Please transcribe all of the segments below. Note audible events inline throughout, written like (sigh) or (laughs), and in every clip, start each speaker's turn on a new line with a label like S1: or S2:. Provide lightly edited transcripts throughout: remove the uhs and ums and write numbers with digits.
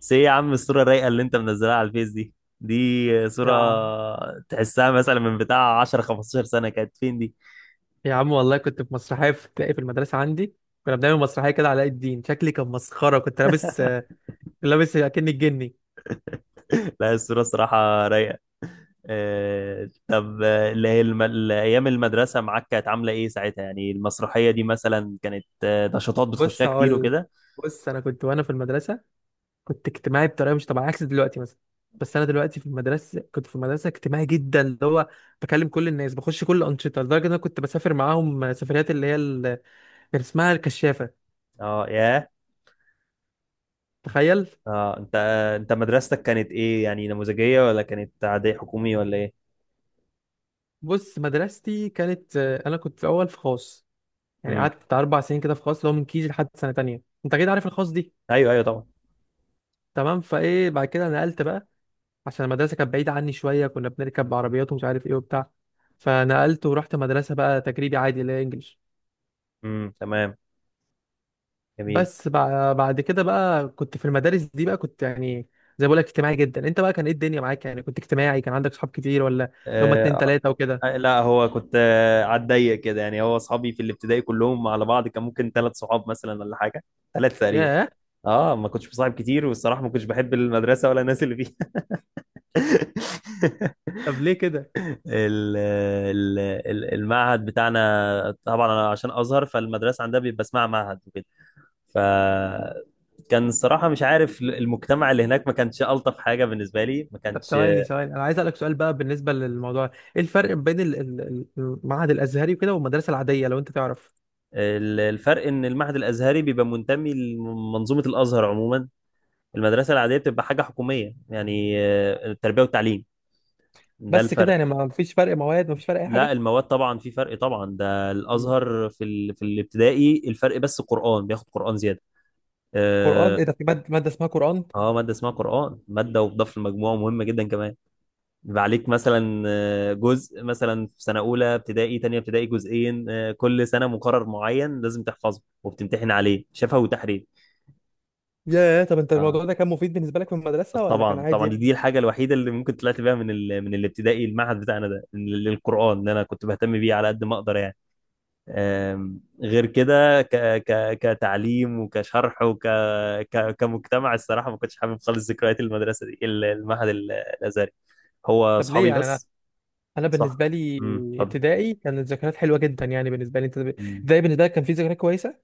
S1: بس ايه يا عم، الصورة الرايقة اللي انت منزلها على الفيس دي، دي صورة
S2: يا عم.
S1: تحسها مثلا من بتاع 10 15 سنة. كانت فين دي؟
S2: يا عم، والله كنت في مسرحية في ابتدائي في المدرسة عندي. كنا بنعمل مسرحية كده، علاء الدين. شكلي كان مسخرة، كنت لابس
S1: (laughs)
S2: أكني الجني.
S1: لا، الصورة صراحة رايقة. طب اللي هي الأيام المدرسة معاك كانت عاملة إيه ساعتها؟ يعني المسرحية دي مثلا كانت نشاطات
S2: بص،
S1: بتخشها كتير
S2: هقول.
S1: وكده؟
S2: أنا كنت وأنا في المدرسة، كنت اجتماعي بطريقة مش طبيعية عكس دلوقتي مثلا. بس أنا دلوقتي، في المدرسة كنت في المدرسة اجتماعي جدا، اللي هو بكلم كل الناس، بخش كل الأنشطة، لدرجة إن أنا كنت بسافر معاهم سفريات اللي هي كان اسمها الكشافة.
S1: أه، ياه.
S2: تخيل.
S1: أه، أنت مدرستك كانت إيه؟ يعني نموذجية ولا كانت عادية، حكومي ولا إيه؟
S2: بص، مدرستي كانت أنا كنت في أول في خاص. يعني
S1: امم.
S2: قعدت بتاع 4 سنين كده في خاص، اللي هو من كيجي لحد سنه تانية. انت اكيد عارف الخاص دي.
S1: أيوه، أيوه، طبعا.
S2: تمام، فايه بعد كده نقلت بقى، عشان المدرسه كانت بعيده عني شويه. كنا بنركب عربيات ومش عارف ايه وبتاع. فنقلت ورحت مدرسه بقى تجريبي عادي اللي هي انجلش.
S1: امم، تمام. جميل.
S2: بس بعد كده بقى كنت في المدارس دي بقى، كنت يعني زي ما بقول لك اجتماعي جدا. انت بقى كان ايه الدنيا معاك؟ يعني كنت اجتماعي؟ كان عندك صحاب كتير ولا اللي هم اتنين
S1: اه.
S2: تلاته وكده؟
S1: لا، هو كنت على الضيق كده، يعني هو اصحابي في الابتدائي كلهم على بعض كان ممكن ثلاث صحاب مثلا ولا حاجه. ثلاث تقريبا.
S2: ياه.
S1: اه، ما كنتش بصاحب كتير، والصراحه ما كنتش بحب المدرسه ولا الناس اللي فيها.
S2: (laughs)
S1: (laughs)
S2: طب ليه كده؟
S1: ال- ال- المعهد بتاعنا، طبعا انا عشان ازهر، فالمدرسه عندها بيبقى اسمها معهد وكده. ف كان الصراحه مش عارف، المجتمع اللي هناك ما كانش الطف حاجه بالنسبه لي، ما
S2: طب
S1: كانش.
S2: ثواني ثواني، انا عايز اسالك سؤال بقى بالنسبه للموضوع. ايه الفرق بين المعهد الازهري وكده والمدرسه العاديه، لو انت تعرف؟
S1: الفرق ان المعهد الازهري بيبقى منتمي لمنظومه الازهر عموما، المدرسة العادية بتبقى حاجة حكومية يعني التربية والتعليم. ده
S2: بس كده
S1: الفرق.
S2: يعني؟ ما فيش فرق مواد؟ ما فيش فرق اي
S1: لا،
S2: حاجه؟
S1: المواد طبعا في فرق طبعا. ده
S2: مم.
S1: الأزهر في الابتدائي الفرق بس قرآن، بياخد قرآن زيادة.
S2: قران؟
S1: اه.
S2: ايه ده، في مادة اسمها قران؟
S1: مادة اسمها قرآن، مادة وتضاف للمجموع، مهمة جدا كمان. بيبقى عليك مثلا جزء مثلا في سنة أولى ابتدائي، تانية ابتدائي جزئين. كل سنة مقرر معين لازم تحفظه وبتمتحن عليه شفوي وتحرير.
S2: ياه. طب انت الموضوع ده كان مفيد بالنسبه لك في المدرسه ولا كان
S1: طبعا،
S2: عادي
S1: طبعا.
S2: يعني؟
S1: دي الحاجه الوحيده اللي ممكن طلعت بيها من الابتدائي المعهد بتاعنا ده، القران، ان انا كنت بهتم بيه على قد ما اقدر يعني. غير كده، كتعليم وكشرح، كمجتمع، الصراحه ما كنتش حابب خالص ذكريات المدرسه دي، المعهد الازهري. هو
S2: طب ليه
S1: اصحابي
S2: يعني؟ انا
S1: بس.
S2: انا
S1: صح.
S2: بالنسبه لي،
S1: امم.
S2: ابتدائي كانت الذكريات حلوه جدا يعني. بالنسبه لي انت
S1: اتفضل.
S2: ابتدائي بالنسبه لك كان في ذكريات كويسه؟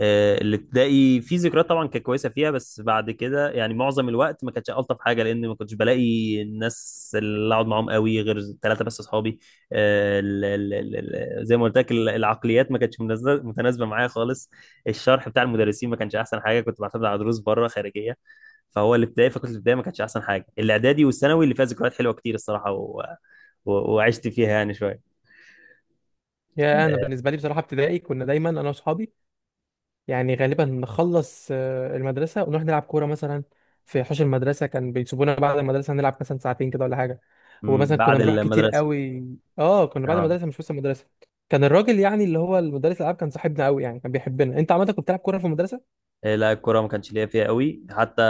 S1: الابتدائي في ذكريات طبعا كانت كويسه فيها، بس بعد كده يعني معظم الوقت ما كانتش الطف حاجه، لان ما كنتش بلاقي الناس اللي اقعد معاهم قوي غير ثلاثه بس اصحابي. زي ما قلت لك، العقليات ما كانتش متناسبه معايا خالص. الشرح بتاع المدرسين ما كانش احسن حاجه، كنت بعتمد على دروس بره خارجيه. فهو الابتدائي فكنت الابتدائي ما كانتش احسن حاجه. الاعدادي والثانوي اللي فيها ذكريات حلوه كتير الصراحه، وعشت فيها يعني شويه.
S2: يا انا
S1: آه،
S2: بالنسبه لي بصراحه ابتدائي كنا دايما انا واصحابي. يعني غالبا نخلص المدرسة ونروح نلعب كورة مثلا. في حوش المدرسة كان بيسيبونا بعد المدرسة نلعب مثلا ساعتين كده ولا حاجة.
S1: مم،
S2: ومثلا كنا
S1: بعد
S2: بنروح كتير
S1: المدرسه.
S2: قوي. اه، كنا بعد
S1: اه.
S2: المدرسة مش بس المدرسة. كان الراجل يعني اللي هو المدرس الألعاب كان صاحبنا قوي يعني، كان بيحبنا. انت عملت، كنت بتلعب كورة في المدرسة؟
S1: لا، الكرة ما كانش ليا فيها قوي حتى.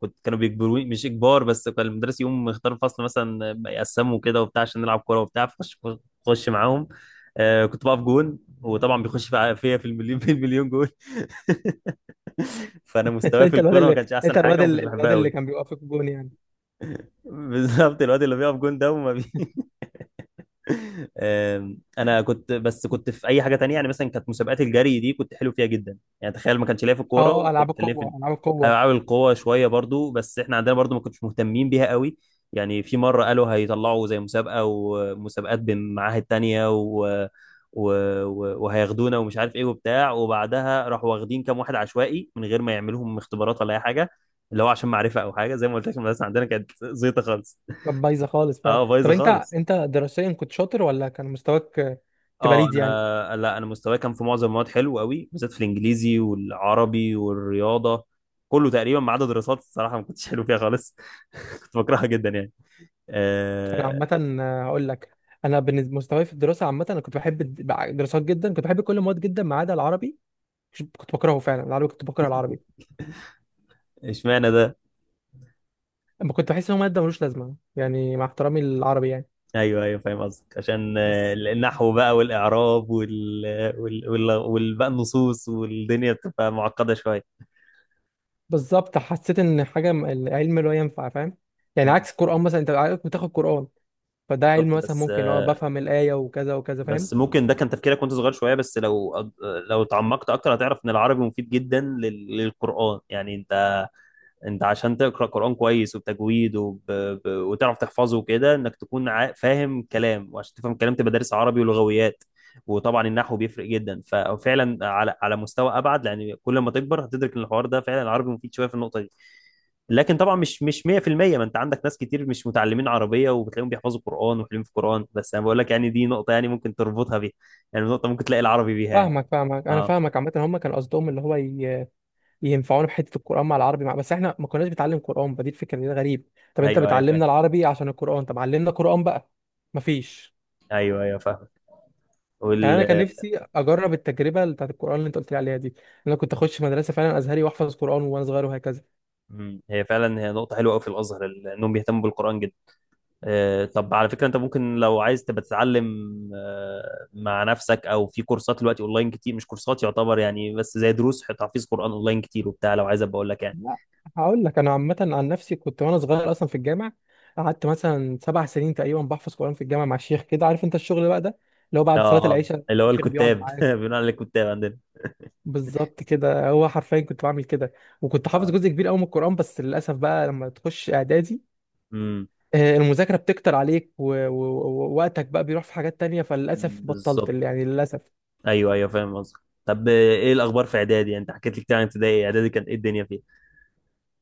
S1: كنت، كانوا بيجبروني، مش إجبار، بس كان المدرس يوم يختار الفصل مثلا، يقسموا كده وبتاع عشان نلعب كورة وبتاع، خش معاهم. كنت بقف جون، وطبعا بيخش (laughs) فيا، في المليون، في المليون جون. (laughs) فأنا
S2: (laughs) انت
S1: مستواي في
S2: انت الواد
S1: الكورة ما
S2: اللي
S1: كانش أحسن حاجة، ما كنتش بحبها قوي.
S2: كان بيوقف في الجون يعني؟
S1: بالظبط، الواد اللي بيقف جون ده، وما بي انا كنت، بس كنت في اي حاجه تانية، يعني مثلا كانت مسابقات الجري دي، كنت حلو فيها جدا يعني. تخيل! ما كانش ليا في الكوره،
S2: اه، ألعاب
S1: وكنت كان ليا في
S2: القوة، ألعاب
S1: العاب
S2: القوة.
S1: القوه شويه برضو، بس احنا عندنا برضو ما كنتش مهتمين بيها قوي. يعني في مره قالوا هيطلعوا زي مسابقه، ومسابقات بمعاهد تانية و... وهياخدونا ومش عارف ايه وبتاع، وبعدها راحوا واخدين كام واحد عشوائي من غير ما يعملوهم اختبارات ولا اي حاجه، اللي هو عشان معرفه او حاجه. زي ما قلت لك، المدرسه عندنا كانت زيطه خالص.
S2: كانت بايظة خالص فعلا.
S1: اه،
S2: طب
S1: بايظه
S2: انت،
S1: خالص.
S2: انت دراسيا كنت شاطر ولا كان مستواك تبقى
S1: اه.
S2: ليد يعني؟
S1: انا، لا، انا مستواي كان في معظم المواد حلو قوي، بالذات في الانجليزي والعربي والرياضه، كله تقريبا، ما عدا دراسات، الصراحه ما كنتش حلو فيها خالص. (laughs) كنت بكرهها جدا يعني.
S2: انا
S1: آه،
S2: عامه هقول لك. انا بالنسبه مستواي في الدراسه عامه، انا كنت بحب الدراسات جدا. كنت بحب كل المواد جدا ما عدا العربي. كنت بكرهه فعلا العربي، كنت بكره العربي.
S1: اشمعنى ده؟
S2: اما كنت بحس ان هو ماده ملوش لازمه يعني، مع احترامي للعربي يعني.
S1: ايوه، ايوه، فاهم قصدك. عشان
S2: بس
S1: النحو بقى والاعراب بقى النصوص، والدنيا بتبقى معقده شويه.
S2: بالظبط، حسيت ان حاجه العلم لا ينفع، فاهم؟ يعني
S1: مم.
S2: عكس القران مثلا، انت عارف بتاخد قران، فده علم
S1: بالظبط.
S2: مثلا.
S1: بس
S2: ممكن اه بفهم الايه وكذا وكذا، فاهم؟
S1: بس ممكن ده كان تفكيرك وانت صغير شويه، بس لو لو تعمقت اكتر هتعرف ان العربي مفيد جدا للقران يعني. انت عشان تقرا قران كويس وبتجويد، وتعرف تحفظه وكده، انك تكون فاهم كلام، وعشان تفهم كلام تبقى دارس عربي ولغويات. وطبعا النحو بيفرق جدا. ففعلا على مستوى ابعد، لان كل ما تكبر هتدرك ان الحوار ده فعلا العربي مفيد شويه في النقطه دي. لكن طبعا مش 100%. ما انت عندك ناس كتير مش متعلمين عربيه وبتلاقيهم بيحفظوا قران وحلوين في قران، بس انا بقول لك يعني دي نقطه يعني ممكن تربطها بيها، يعني نقطه ممكن تلاقي العربي بيها يعني.
S2: فاهمك فاهمك انا
S1: اه،
S2: فاهمك عامه. هم كان قصدهم اللي هو ينفعونا في حته القران مع العربي، بس احنا ما كناش بنتعلم قران، فدي الفكره اللي غريب. طب انت
S1: ايوه، ايوه، فاهم.
S2: بتعلمنا العربي عشان القران؟ طب علمنا قران بقى. مفيش.
S1: ايوه، ايوه،
S2: يعني انا كان
S1: فاهم.
S2: نفسي اجرب التجربه بتاعت القران اللي انت قلت لي عليها دي. انا كنت اخش مدرسه فعلا ازهري واحفظ قران وانا صغير وهكذا.
S1: مم. هي فعلا هي نقطة حلوة أوي في الأزهر، إنهم بيهتموا بالقرآن جدا. طب على فكرة، أنت ممكن لو عايز تبقى تتعلم مع نفسك أو في كورسات دلوقتي أونلاين كتير، مش كورسات يعتبر يعني، بس زي دروس تحفيظ قرآن أونلاين كتير وبتاع، لو عايز أبقى أقول لك يعني.
S2: لا، هقول لك. انا عامه عن نفسي كنت وانا صغير اصلا في الجامع. قعدت مثلا 7 سنين تقريبا بحفظ قران في الجامع مع الشيخ كده. عارف انت الشغل بقى ده، اللي هو
S1: أه.
S2: بعد صلاه
S1: أه،
S2: العشاء
S1: اللي هو
S2: الشيخ بيقعد
S1: الكتاب، (laughs)
S2: معاك.
S1: بنقول عليه الكتاب عندنا.
S2: بالظبط كده، هو حرفيا كنت بعمل كده. وكنت حافظ
S1: أه.
S2: جزء كبير قوي من القرآن. بس للأسف بقى لما تخش إعدادي،
S1: امم.
S2: المذاكرة بتكتر عليك ووقتك بقى بيروح في حاجات تانية، فللأسف بطلت
S1: بالظبط.
S2: يعني للأسف.
S1: أيوه، أيوه، فاهم قصدك. طب إيه الأخبار في إعدادي؟ أنت حكيت لي كتير عن ابتدائي، إعدادي كانت إيه الدنيا فيها؟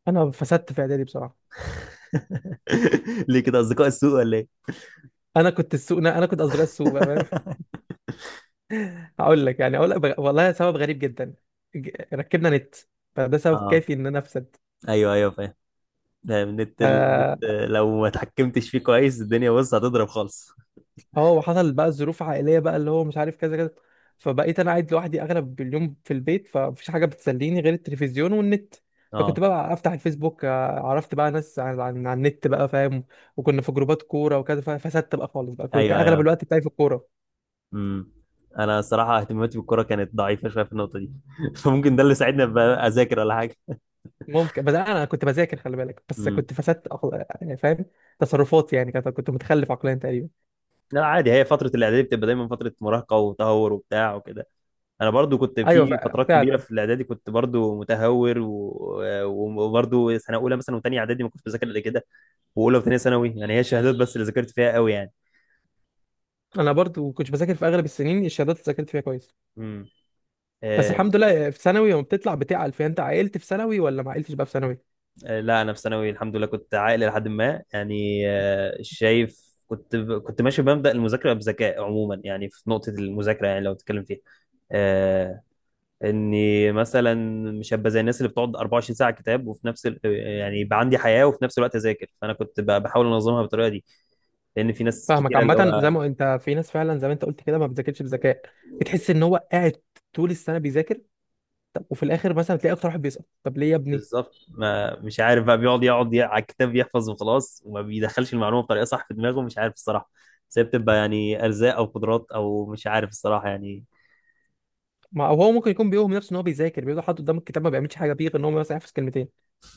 S2: أنا فسدت في إعدادي بصراحة.
S1: (laughs) ليه كده؟ أصدقاء السوء ولا إيه؟
S2: أنا كنت أصدقاء السوق بقى، فاهم؟
S1: (laughs)
S2: (laughs) هقول لك يعني، أقول لك والله سبب غريب جدا. ركبنا نت، فده سبب
S1: أه،
S2: كافي إن أنا أفسد.
S1: أيوه، أيوه، فاهم. ده النت، النت
S2: آه،
S1: لو ما اتحكمتش فيه كويس الدنيا بص هتضرب خالص.
S2: اه وحصل بقى ظروف عائليه بقى، اللي هو مش عارف كذا كذا. فبقيت انا قاعد لوحدي اغلب اليوم في البيت، فمفيش حاجه بتسليني غير التلفزيون والنت.
S1: اه،
S2: فكنت بقى افتح الفيسبوك، عرفت بقى ناس عن النت بقى، فاهم؟ وكنا في جروبات كوره وكذا، فسدت بقى خالص بقى. كنت كان
S1: ايوه،
S2: اغلب
S1: ايوه.
S2: الوقت بتاعي في الكوره.
S1: امم. انا صراحه اهتماماتي بالكوره كانت ضعيفه شويه في النقطه دي. (laughs) فممكن ده اللي ساعدني ابقى اذاكر ولا حاجه.
S2: ممكن. بس انا كنت بذاكر خلي بالك، بس
S1: امم.
S2: كنت فسدت يعني فاهم، تصرفاتي يعني كانت، كنت متخلف عقليا تقريبا.
S1: لا، عادي. هي فتره الاعدادي بتبقى دايما فتره مراهقه وتهور وبتاع وكده. انا برضو كنت
S2: ايوه
S1: في فترات كبيره
S2: فعلا
S1: في الاعدادي، كنت برضو متهور وبرضو سنه اولى مثلا وثانيه اعدادي ما كنتش بذاكر الا كده. واولى وثانيه ثانوي، يعني هي الشهادات بس اللي ذاكرت فيها قوي يعني.
S2: انا برضو كنت بذاكر في اغلب السنين، الشهادات اللي ذاكرت فيها كويس. بس الحمد
S1: امم.
S2: لله في ثانوي لما بتطلع بتعقل فيها. انت عقلت في ثانوي ولا ما عقلتش بقى في ثانوي؟
S1: لا، انا في ثانوي الحمد لله كنت عاقل، لحد ما يعني شايف. كنت ماشي بمبدأ المذاكره بذكاء عموما، يعني في نقطه المذاكره، يعني لو تتكلم فيها. آه اني مثلا مش هبقى زي الناس اللي بتقعد 24 ساعه كتاب، وفي نفس يعني يبقى عندي حياه وفي نفس الوقت اذاكر، فانا كنت بحاول انظمها بالطريقه دي، لان في ناس
S2: فاهمك
S1: كتيره اللي
S2: عامه. زي
S1: هو.
S2: ما انت، في ناس فعلا زي ما انت قلت كده ما بتذاكرش بذكاء. بتحس ان هو قاعد طول السنه بيذاكر، طب وفي الاخر مثلا تلاقي اكتر واحد بيسقط. طب ليه يا ابني؟
S1: بالظبط، ما مش عارف بقى، بيقعد يقعد على الكتاب يحفظ وخلاص، وما بيدخلش المعلومه بطريقه صح في دماغه، مش عارف الصراحه. بس هي بتبقى يعني ارزاق او قدرات او مش عارف الصراحه يعني.
S2: ما او هو ممكن يكون بيوهم نفسه ان هو بيذاكر، بيقعد حاطط قدام الكتاب ما بيعملش حاجه بيه غير ان هو مثلا يحفظ كلمتين.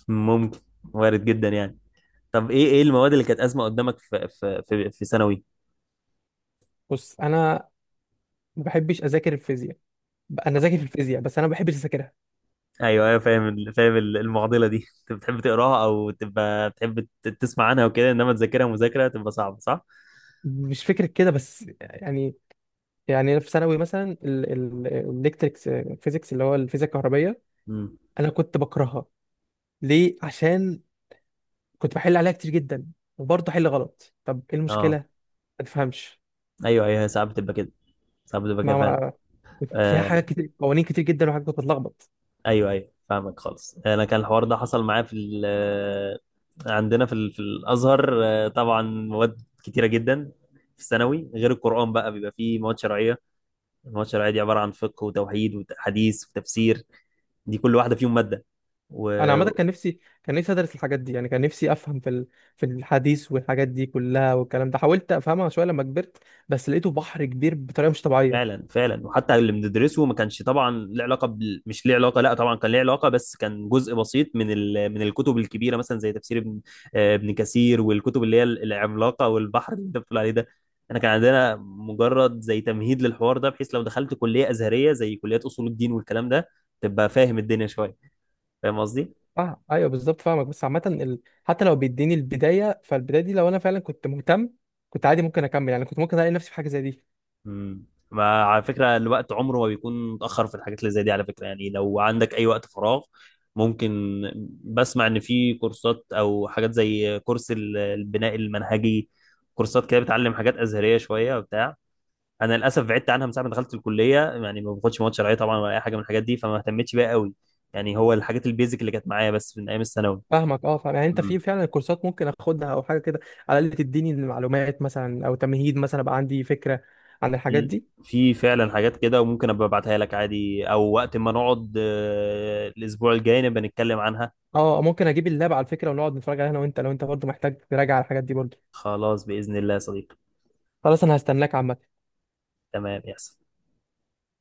S1: ممكن. وارد جدا يعني. طب ايه، ايه المواد اللي كانت ازمه قدامك في ثانوي؟
S2: بص، انا ما بحبش اذاكر الفيزياء. انا ذاكر في الفيزياء بس انا ما بحبش اذاكرها.
S1: ايوه، ايوه، فاهم فاهم المعضله دي. (laughs) انت بتحب تقراها او تبقى بتحب تسمع عنها وكده، انما تذاكرها مذاكره تبقى صعبه، صح؟
S2: مش فكره كده بس يعني. يعني أنا في ثانوي مثلا الالكتريكس فيزيكس اللي هو الفيزياء الكهربائيه،
S1: امم.
S2: انا كنت بكرهها. ليه؟ عشان كنت بحل عليها كتير جدا وبرضه حل غلط. طب ايه المشكله؟
S1: اه،
S2: ما تفهمش.
S1: ايوه، ايوه، ساعات بتبقى كده. ساعات بتبقى كده
S2: ما,
S1: فاهم.
S2: ما كنت فيها
S1: آه،
S2: حاجات كتير، قوانين كتير جدا، وحاجات كنت بتلخبط.
S1: ايوه، ايوه، فاهمك خالص. انا كان الحوار ده حصل معايا في عندنا في في الازهر، طبعا مواد كتيره جدا في الثانوي غير القرآن، بقى بيبقى فيه مواد شرعية. الماتش العادي عبارة عن فقه وتوحيد وحديث وتفسير، دي كل واحدة فيهم مادة.
S2: انا عامه
S1: وفعلا.
S2: كان نفسي ادرس الحاجات دي، يعني كان نفسي افهم في في الحديث والحاجات دي كلها والكلام ده. حاولت افهمها شويه لما كبرت، بس لقيته بحر كبير بطريقه مش طبيعيه.
S1: فعلا، وحتى اللي بندرسه ما كانش طبعا له علاقة مش ليه علاقة، لا طبعا كان ليه علاقة، بس كان جزء بسيط من الكتب الكبيرة مثلا زي تفسير ابن، ابن كثير، والكتب اللي هي العملاقة والبحر اللي انت بتقول عليه ده. انا كان عندنا مجرد زي تمهيد للحوار ده، بحيث لو دخلت كلية أزهرية زي كليات أصول الدين والكلام ده، تبقى فاهم الدنيا شوية. فاهم قصدي؟
S2: اه ايوه بالظبط فاهمك. بس عامه حتى لو بيديني البدايه، فالبدايه دي لو انا فعلا كنت مهتم، كنت عادي ممكن اكمل يعني. كنت ممكن الاقي نفسي في حاجه زي دي.
S1: امم. ما على فكرة الوقت عمره ما بيكون متأخر في الحاجات اللي زي دي، على فكرة. يعني لو عندك أي وقت فراغ، ممكن. بسمع إن في كورسات أو حاجات زي كورس البناء المنهجي، كورسات كده بتعلم حاجات أزهرية شوية وبتاع. أنا للأسف بعدت عنها من ساعة ما دخلت الكلية، يعني ما باخدش مواد شرعية طبعا، ولا أي حاجة من الحاجات دي، فما اهتمتش بيها قوي. يعني هو الحاجات البيزك اللي كانت معايا بس من أيام الثانوي.
S2: فاهمك. اه فاهم، يعني انت في فعلا كورسات ممكن اخدها او حاجه كده، على الاقل تديني المعلومات مثلا او تمهيد مثلا، ابقى عندي فكره عن الحاجات
S1: في
S2: دي.
S1: في فعلا حاجات كده، وممكن ابقى ابعتها لك عادي، او وقت ما نقعد الاسبوع الجاي نبقى نتكلم عنها.
S2: اه ممكن اجيب اللاب على فكره ونقعد نتفرج عليها انا وانت، لو انت برضه محتاج تراجع على الحاجات دي برضه.
S1: خلاص بإذن الله يا صديقي.
S2: خلاص انا هستناك عامه.
S1: تمام يحصل.